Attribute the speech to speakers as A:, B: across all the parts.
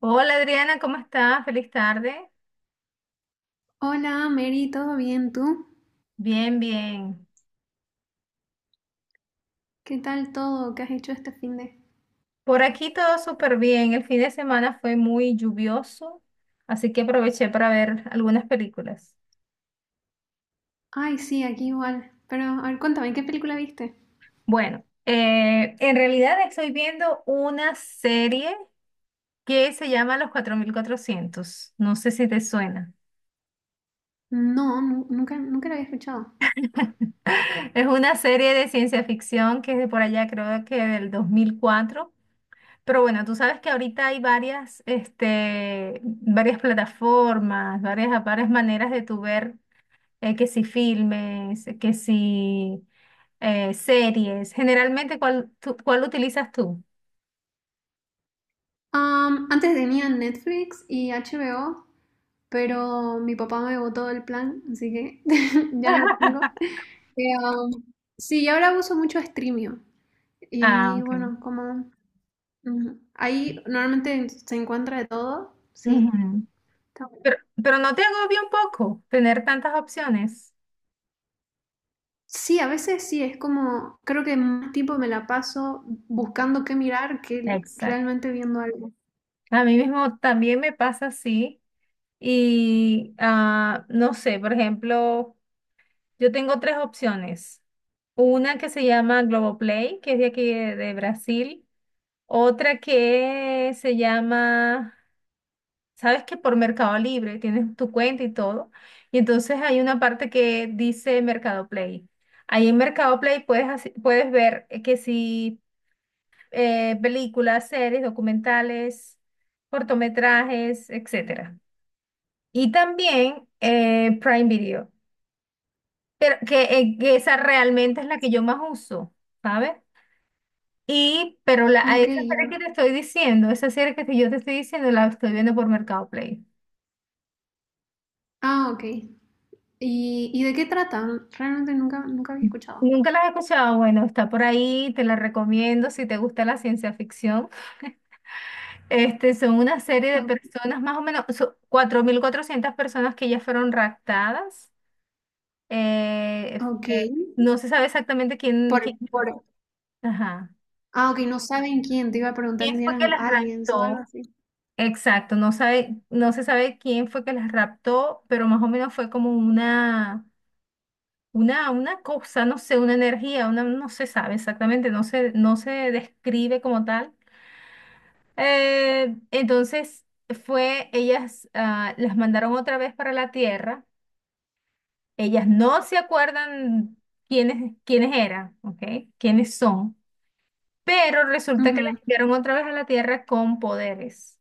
A: Hola Adriana, ¿cómo estás? Feliz tarde.
B: Hola, Mary, ¿todo bien tú?
A: Bien, bien.
B: ¿Qué tal todo? ¿Qué has hecho este fin de...?
A: Por aquí todo súper bien. El fin de semana fue muy lluvioso, así que aproveché para ver algunas películas.
B: Ay, sí, aquí igual. Pero, a ver, cuéntame, ¿qué película viste?
A: Bueno, en realidad estoy viendo una serie que se llama Los 4400. No sé si te suena.
B: No, nunca la había escuchado.
A: Es una serie de ciencia ficción que es de por allá, creo que del 2004. Pero bueno, tú sabes que ahorita hay varias, este, varias plataformas, varias maneras de tu ver que si filmes, que si series. Generalmente, ¿ cuál utilizas tú?
B: Antes tenía Netflix y HBO, pero mi papá me botó el plan, así que ya no tengo. Eh, um, sí, y ahora uso mucho Streamio.
A: Ah,
B: Y
A: ok.
B: bueno, como ujú, ahí normalmente se encuentra de todo, sí.
A: Ujú. Pero, pero no te agobia un poco tener tantas opciones.
B: Sí, a veces sí, es como, creo que más tiempo me la paso buscando qué mirar que
A: Exacto.
B: realmente viendo algo.
A: A mí mismo también me pasa así. Y no sé, por ejemplo. Yo tengo tres opciones. Una que se llama Globoplay, que es de aquí de Brasil. Otra que se llama, sabes que por Mercado Libre tienes tu cuenta y todo. Y entonces hay una parte que dice Mercado Play. Ahí en Mercado Play puedes, puedes ver que si películas, series, documentales, cortometrajes, etcétera. Y también Prime Video. Pero que esa realmente es la que yo más uso, ¿sabes? Y, pero la, a
B: Ok,
A: esa serie
B: ya.
A: que te estoy diciendo, esa serie que yo te estoy diciendo, la estoy viendo por Mercado Play.
B: Ah, ok. ¿Y de qué tratan? Realmente nunca, nunca había escuchado.
A: Nunca la he escuchado, bueno, está por ahí, te la recomiendo si te gusta la ciencia ficción. Este, son una serie de
B: O-
A: personas, más o menos, son 4400 personas que ya fueron raptadas. Eh,
B: ok.
A: eh, no se sabe exactamente quién,
B: Por,
A: quién,
B: por...
A: ajá,
B: Ah, ok, no saben quién. Te iba a preguntar
A: quién
B: si
A: fue que
B: eran
A: las
B: aliens o algo
A: raptó.
B: así.
A: Exacto, no sabe, no se sabe quién fue que las raptó, pero más o menos fue como una, una cosa, no sé, una energía, una, no se sabe exactamente, no se, no se describe como tal. Entonces fue, ellas las mandaron otra vez para la Tierra. Ellas no se acuerdan quiénes eran, ¿ok? Quiénes son, pero resulta que las
B: Ujú.
A: enviaron otra vez a la Tierra con poderes.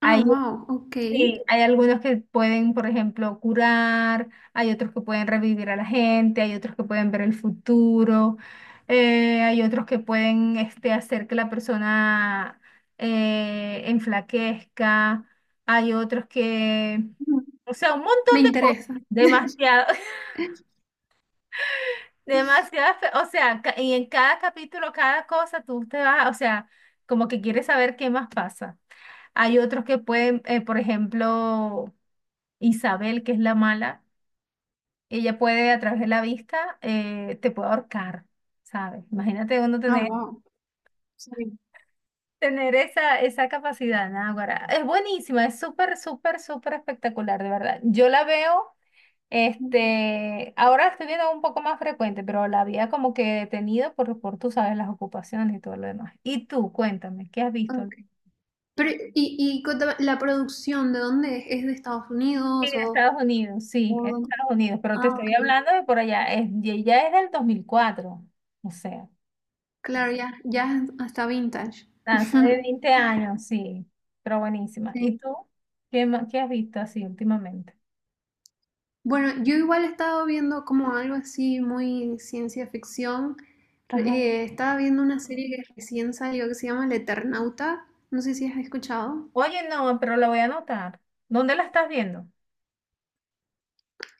B: Ah, wow, ok.
A: Sí, hay algunos que pueden, por ejemplo, curar, hay otros que pueden revivir a la gente, hay otros que pueden ver el futuro, hay otros que pueden este, hacer que la persona enflaquezca, hay otros que,
B: Mm,
A: o sea, un montón
B: me
A: de cosas,
B: interesa.
A: demasiado, demasiado, o sea, y en cada capítulo, cada cosa, tú te vas, o sea, como que quieres saber qué más pasa. Hay otros que pueden, por ejemplo Isabel, que es la mala, ella puede a través de la vista, te puede ahorcar, ¿sabes? Imagínate uno
B: Ah,
A: tener,
B: wow. Sí.
A: tener esa, esa capacidad, Náguara. Es buenísima, es súper, súper, súper espectacular, de verdad. Yo la veo,
B: Mm,
A: este, ahora la estoy viendo un poco más frecuente, pero la había como que detenido por, tú sabes, las ocupaciones y todo lo demás. Y tú, cuéntame, ¿qué has visto?
B: ok. Pero, y contame, la producción, ¿de dónde es? ¿Es de Estados
A: Sí,
B: Unidos
A: de
B: o...?
A: Estados Unidos, sí, es de
B: ¿O dónde?
A: Estados Unidos, pero te
B: Ah, ok.
A: estoy hablando de por allá, es, y ella es del 2004, o sea.
B: Claro, ya, ya hasta vintage.
A: Hace de 20 años, sí, pero buenísima. ¿Y
B: Sí.
A: tú? ¿Qué, qué has visto así últimamente?
B: Bueno, yo igual he estado viendo como algo así muy ciencia ficción.
A: Ajá.
B: Re- Estaba viendo una serie que recién salió que se llama El Eternauta. No sé si has escuchado.
A: Oye, no, pero la voy a anotar. ¿Dónde la estás viendo?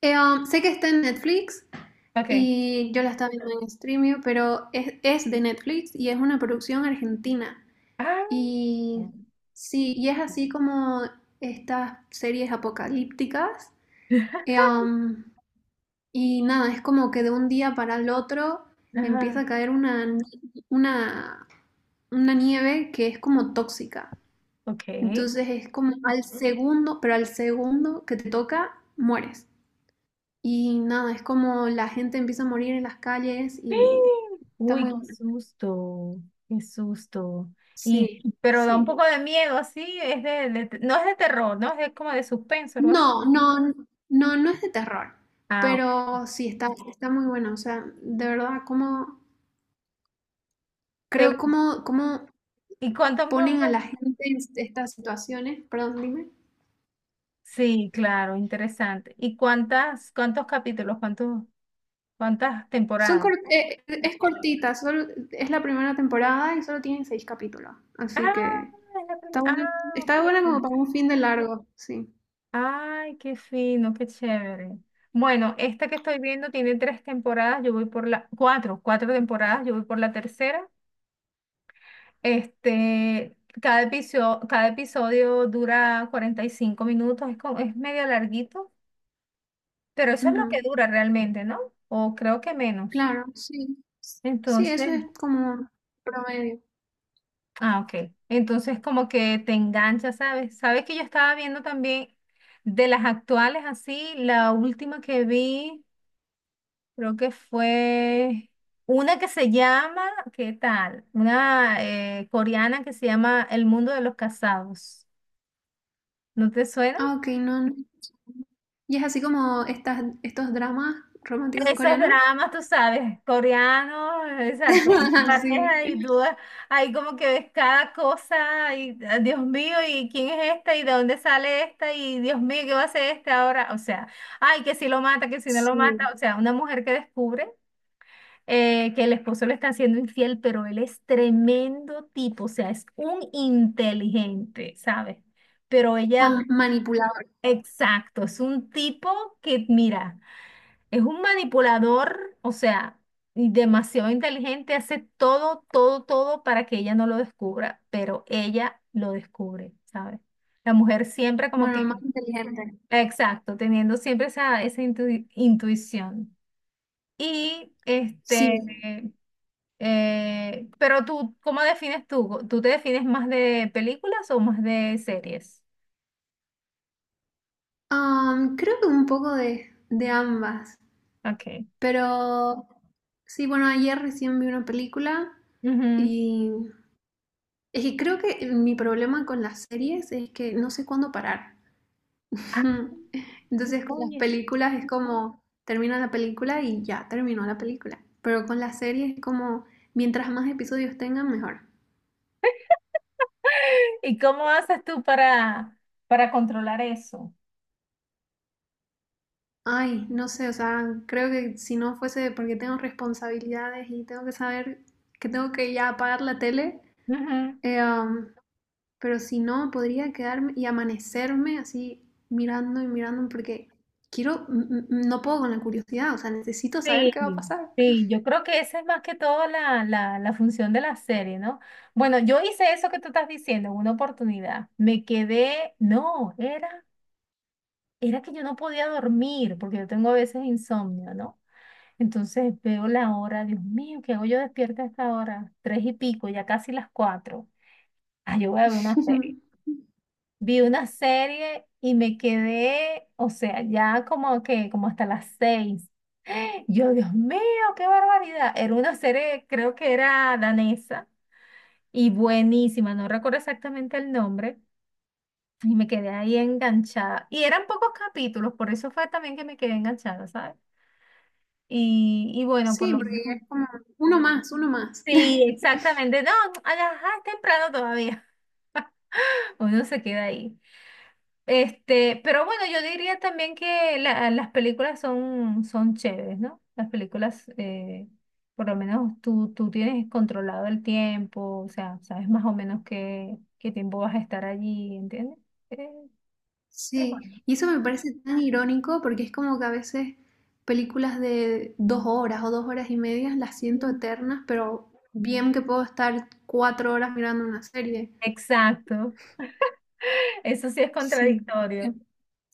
B: Sé que está en Netflix
A: Ok.
B: y yo la estaba viendo en Streamio, pero es de Netflix y es una producción argentina.
A: Ah,
B: Y sí, y es así como estas series apocalípticas. Eh, um, Y nada, es como que de un día para el otro empieza
A: ajá,
B: a caer una, ni- una, una nieve que es como tóxica.
A: ok.
B: Entonces es como al segundo que te toca, mueres. Y nada, es como la gente empieza a morir en las calles y está
A: Uy,
B: muy
A: qué
B: bueno.
A: susto, qué susto. Y,
B: Sí,
A: pero da un
B: sí.
A: poco de miedo, así, es de, no es de terror, no es de- como de suspenso, algo así.
B: No, no, no, no es de terror,
A: Ah,
B: pero sí está, está muy bueno. O sea, de verdad, como
A: ¿te gu-
B: como
A: ¿y cuántos más o
B: ponen a
A: menos?
B: la gente en estas situaciones. Perdón, dime.
A: Sí, claro, interesante. ¿Y cuántas, cuántos capítulos, cuántos? ¿Cuántas temporadas?
B: Es cortita, solo, es la primera temporada y solo tienen 6 capítulos.
A: Ah,
B: Así que
A: es la
B: está
A: primera.
B: buena,
A: Ah,
B: está buena como
A: ok.
B: para un fin de largo, sí.
A: Ay, qué fino, qué chévere. Bueno, esta que estoy viendo tiene tres temporadas, yo voy por la, cuatro, cuatro temporadas, yo voy por la tercera. Este, cada episodio dura 45 minutos, es, como- es medio larguito, pero eso es lo que
B: Ujú.
A: dura realmente, ¿no? O creo que menos.
B: Claro, sí. Sí, eso es
A: Entonces,
B: como promedio.
A: ah, ok. Entonces como que te engancha, ¿sabes? Sabes que yo estaba viendo también de las actuales así, la última que vi, creo que fue una que se llama, ¿qué tal? Una coreana que se llama El Mundo de los Casados. ¿No te suena?
B: Ah, ok, no. No. Y es así como estos dramas románticos
A: Esos
B: coreanos.
A: dramas, tú sabes, coreanos, exacto,
B: Sí,
A: pareja y tú ahí como que ves cada cosa y ah, Dios mío, ¿y quién es esta? ¿Y de dónde sale esta? Y Dios mío, ¿qué va a hacer este ahora? O sea, ay, que si lo mata, que si no lo mata,
B: sí.
A: o sea, una mujer que descubre que el esposo le está siendo infiel, pero él es tremendo tipo, o sea, es un inteligente, ¿sabes? Pero ella,
B: Con manipulador.
A: exacto, es un tipo que, mira. Es un manipulador, o sea, y demasiado inteligente, hace todo, todo, todo para que ella no lo descubra, pero ella lo descubre, ¿sabes? La mujer siempre como
B: Bueno, más
A: que,
B: inteligente.
A: exacto, teniendo siempre esa, esa intuición. Y este,
B: Sí.
A: pero tú, ¿cómo defines tú? ¿Tú te defines más de películas o más de series?
B: Creo que un poco de ambas,
A: Ok.
B: pero sí, bueno, ayer recién vi una película
A: Ujú.
B: y es que creo que mi problema con las series es que no sé cuándo parar.
A: Ah,
B: Entonces con las
A: oye.
B: películas es como termina la película y ya terminó la película, pero con las series es como mientras más episodios tengan, mejor.
A: ¿Y cómo haces tú para controlar eso?
B: Ay, no sé, o sea, creo que si no fuese porque tengo responsabilidades y tengo que saber que tengo que ya apagar la tele.
A: Ujú.
B: Eh, am, pero si no, podría quedarme y amanecerme así mirando y mirando porque no puedo con la curiosidad, o sea, necesito saber qué va a
A: Sí,
B: pasar.
A: sí, yo creo que esa es más que todo la función de la serie, ¿no? Bueno, yo hice eso que tú estás diciendo en una oportunidad. Me quedé, no, era, era que yo no podía dormir, porque yo tengo a veces insomnio, ¿no? Entonces veo la hora, Dios mío, ¿qué hago yo despierta a esta hora? Tres y pico, ya casi las cuatro. Ah, yo voy a ver una serie. Vi una serie y me quedé, o sea, ya como que, como hasta las seis. Yo, Dios mío, qué barbaridad. Era una serie, creo que era danesa y buenísima, no recuerdo exactamente el nombre. Y me quedé ahí enganchada. Y eran pocos capítulos, por eso fue también que me quedé enganchada, ¿sabes? Y bueno, por
B: Sí,
A: lo
B: porque ya
A: menos.
B: es como uno más, uno más.
A: Sí, exactamente. No, ajá, es temprano todavía. Uno se queda ahí. Este, pero bueno, yo diría también que las películas son, son chéveres, ¿no? Las películas, por lo menos tú, tú tienes controlado el tiempo, o sea, sabes más o menos qué, qué tiempo vas a estar allí, ¿entiendes? Eh, es
B: Sí,
A: bueno.
B: y eso me parece tan irónico porque es como que a veces películas de 2 horas o 2 horas y medias las siento
A: Ujú.
B: eternas, pero bien que puedo estar 4 horas mirando una serie.
A: Exacto, eso sí es
B: Sí, es-
A: contradictorio.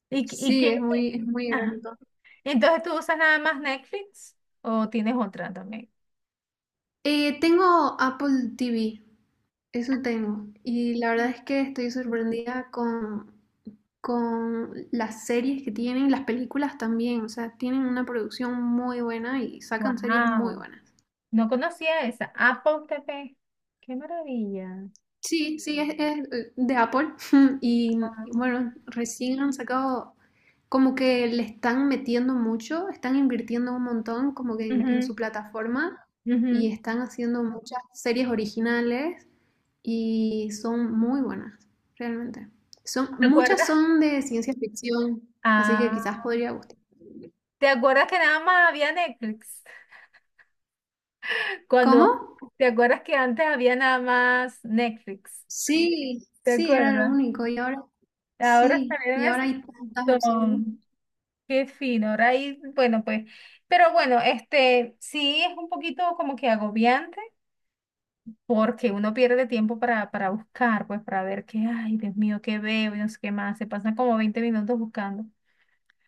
A: ¿ y
B: sí,
A: qué?
B: es muy
A: Ajá.
B: irónico.
A: ¿Y entonces tú usas nada más Netflix o tienes otra también?
B: Tengo Apple TV, eso tengo. Y la verdad es que estoy sorprendida con las series que tienen, las películas también. O sea, tienen una producción muy buena y sacan series muy
A: Wow.
B: buenas.
A: No conocía esa. Apple TV. Qué maravilla.
B: Sí, sí, de Apple. Y
A: Ah,
B: bueno, recién han sacado, como que le están metiendo mucho, están invirtiendo un montón como que en
A: ujú.
B: su plataforma y
A: Ujú.
B: están haciendo muchas series originales y son muy buenas, realmente. Son,
A: ¿Te
B: muchas
A: acuerdas?
B: son de ciencia ficción, así que
A: Ah,
B: quizás podría gustar.
A: ¿te acuerdas que nada más había Netflix? Cuando,
B: ¿Cómo?
A: ¿te acuerdas que antes había nada más Netflix?
B: Sí,
A: ¿Te
B: sí, era lo
A: acuerdas?
B: único. Y ahora,
A: Ahora
B: sí, y
A: salieron
B: ahora
A: ese
B: hay tantas opciones.
A: montón. Qué fino. Ahora ahí, bueno, pues, pero bueno, este sí es un poquito como que agobiante. Porque uno pierde tiempo para buscar, pues para ver qué, ay, Dios mío, qué veo y no sé qué más. Se pasan como 20 minutos buscando,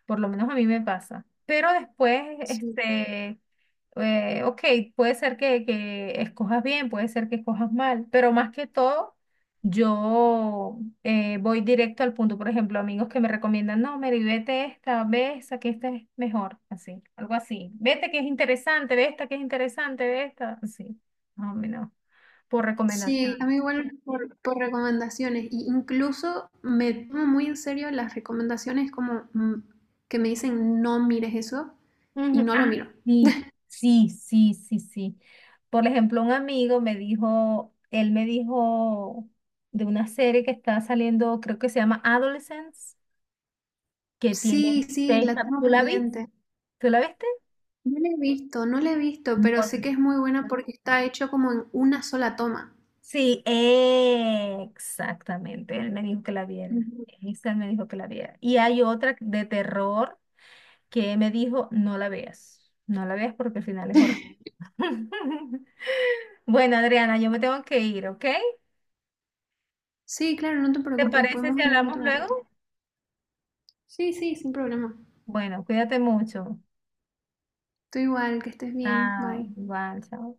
A: por lo menos a mí me pasa. Pero después,
B: Sí.
A: este, ok, puede ser que escojas bien, puede ser que escojas mal, pero más que todo, yo voy directo al punto. Por ejemplo, amigos que me recomiendan, no, Mary, vete esta, ve esa, que esta es mejor, así, algo así. Vete que es interesante, ve esta que es interesante, ve esta, así. No, por
B: Sí, a
A: recomendaciones.
B: mí igual por recomendaciones, y incluso me tomo muy en serio las recomendaciones como mm, que me dicen no mires eso y
A: Ujú,
B: no lo
A: ah,
B: miro.
A: sí, sí, sí, sí. Por ejemplo, un amigo me dijo, él me dijo de una serie que está saliendo, creo que se llama Adolescence, que tiene
B: Sí, sí, la tengo
A: ¿Tú la viste?
B: pendiente.
A: ¿Tú la viste?
B: No la he visto, no la he visto, pero sé que
A: No.
B: es muy buena porque está hecho como en una sola toma.
A: Sí, exactamente. Él me dijo que la viera.
B: Ujú.
A: Esa me dijo que la viera. Y hay otra de terror que me dijo, no la veas. No la veas porque al final es horrible. Bueno, Adriana, yo me tengo que ir, ¿ok?
B: Sí, claro, no te
A: ¿Te
B: preocupes,
A: parece
B: podemos
A: si
B: hablar
A: hablamos
B: otro rato.
A: luego?
B: Sí, sí, sin problema.
A: Bueno, cuídate mucho.
B: Tú igual, que estés bien,
A: Ah,
B: bye.
A: igual, chao.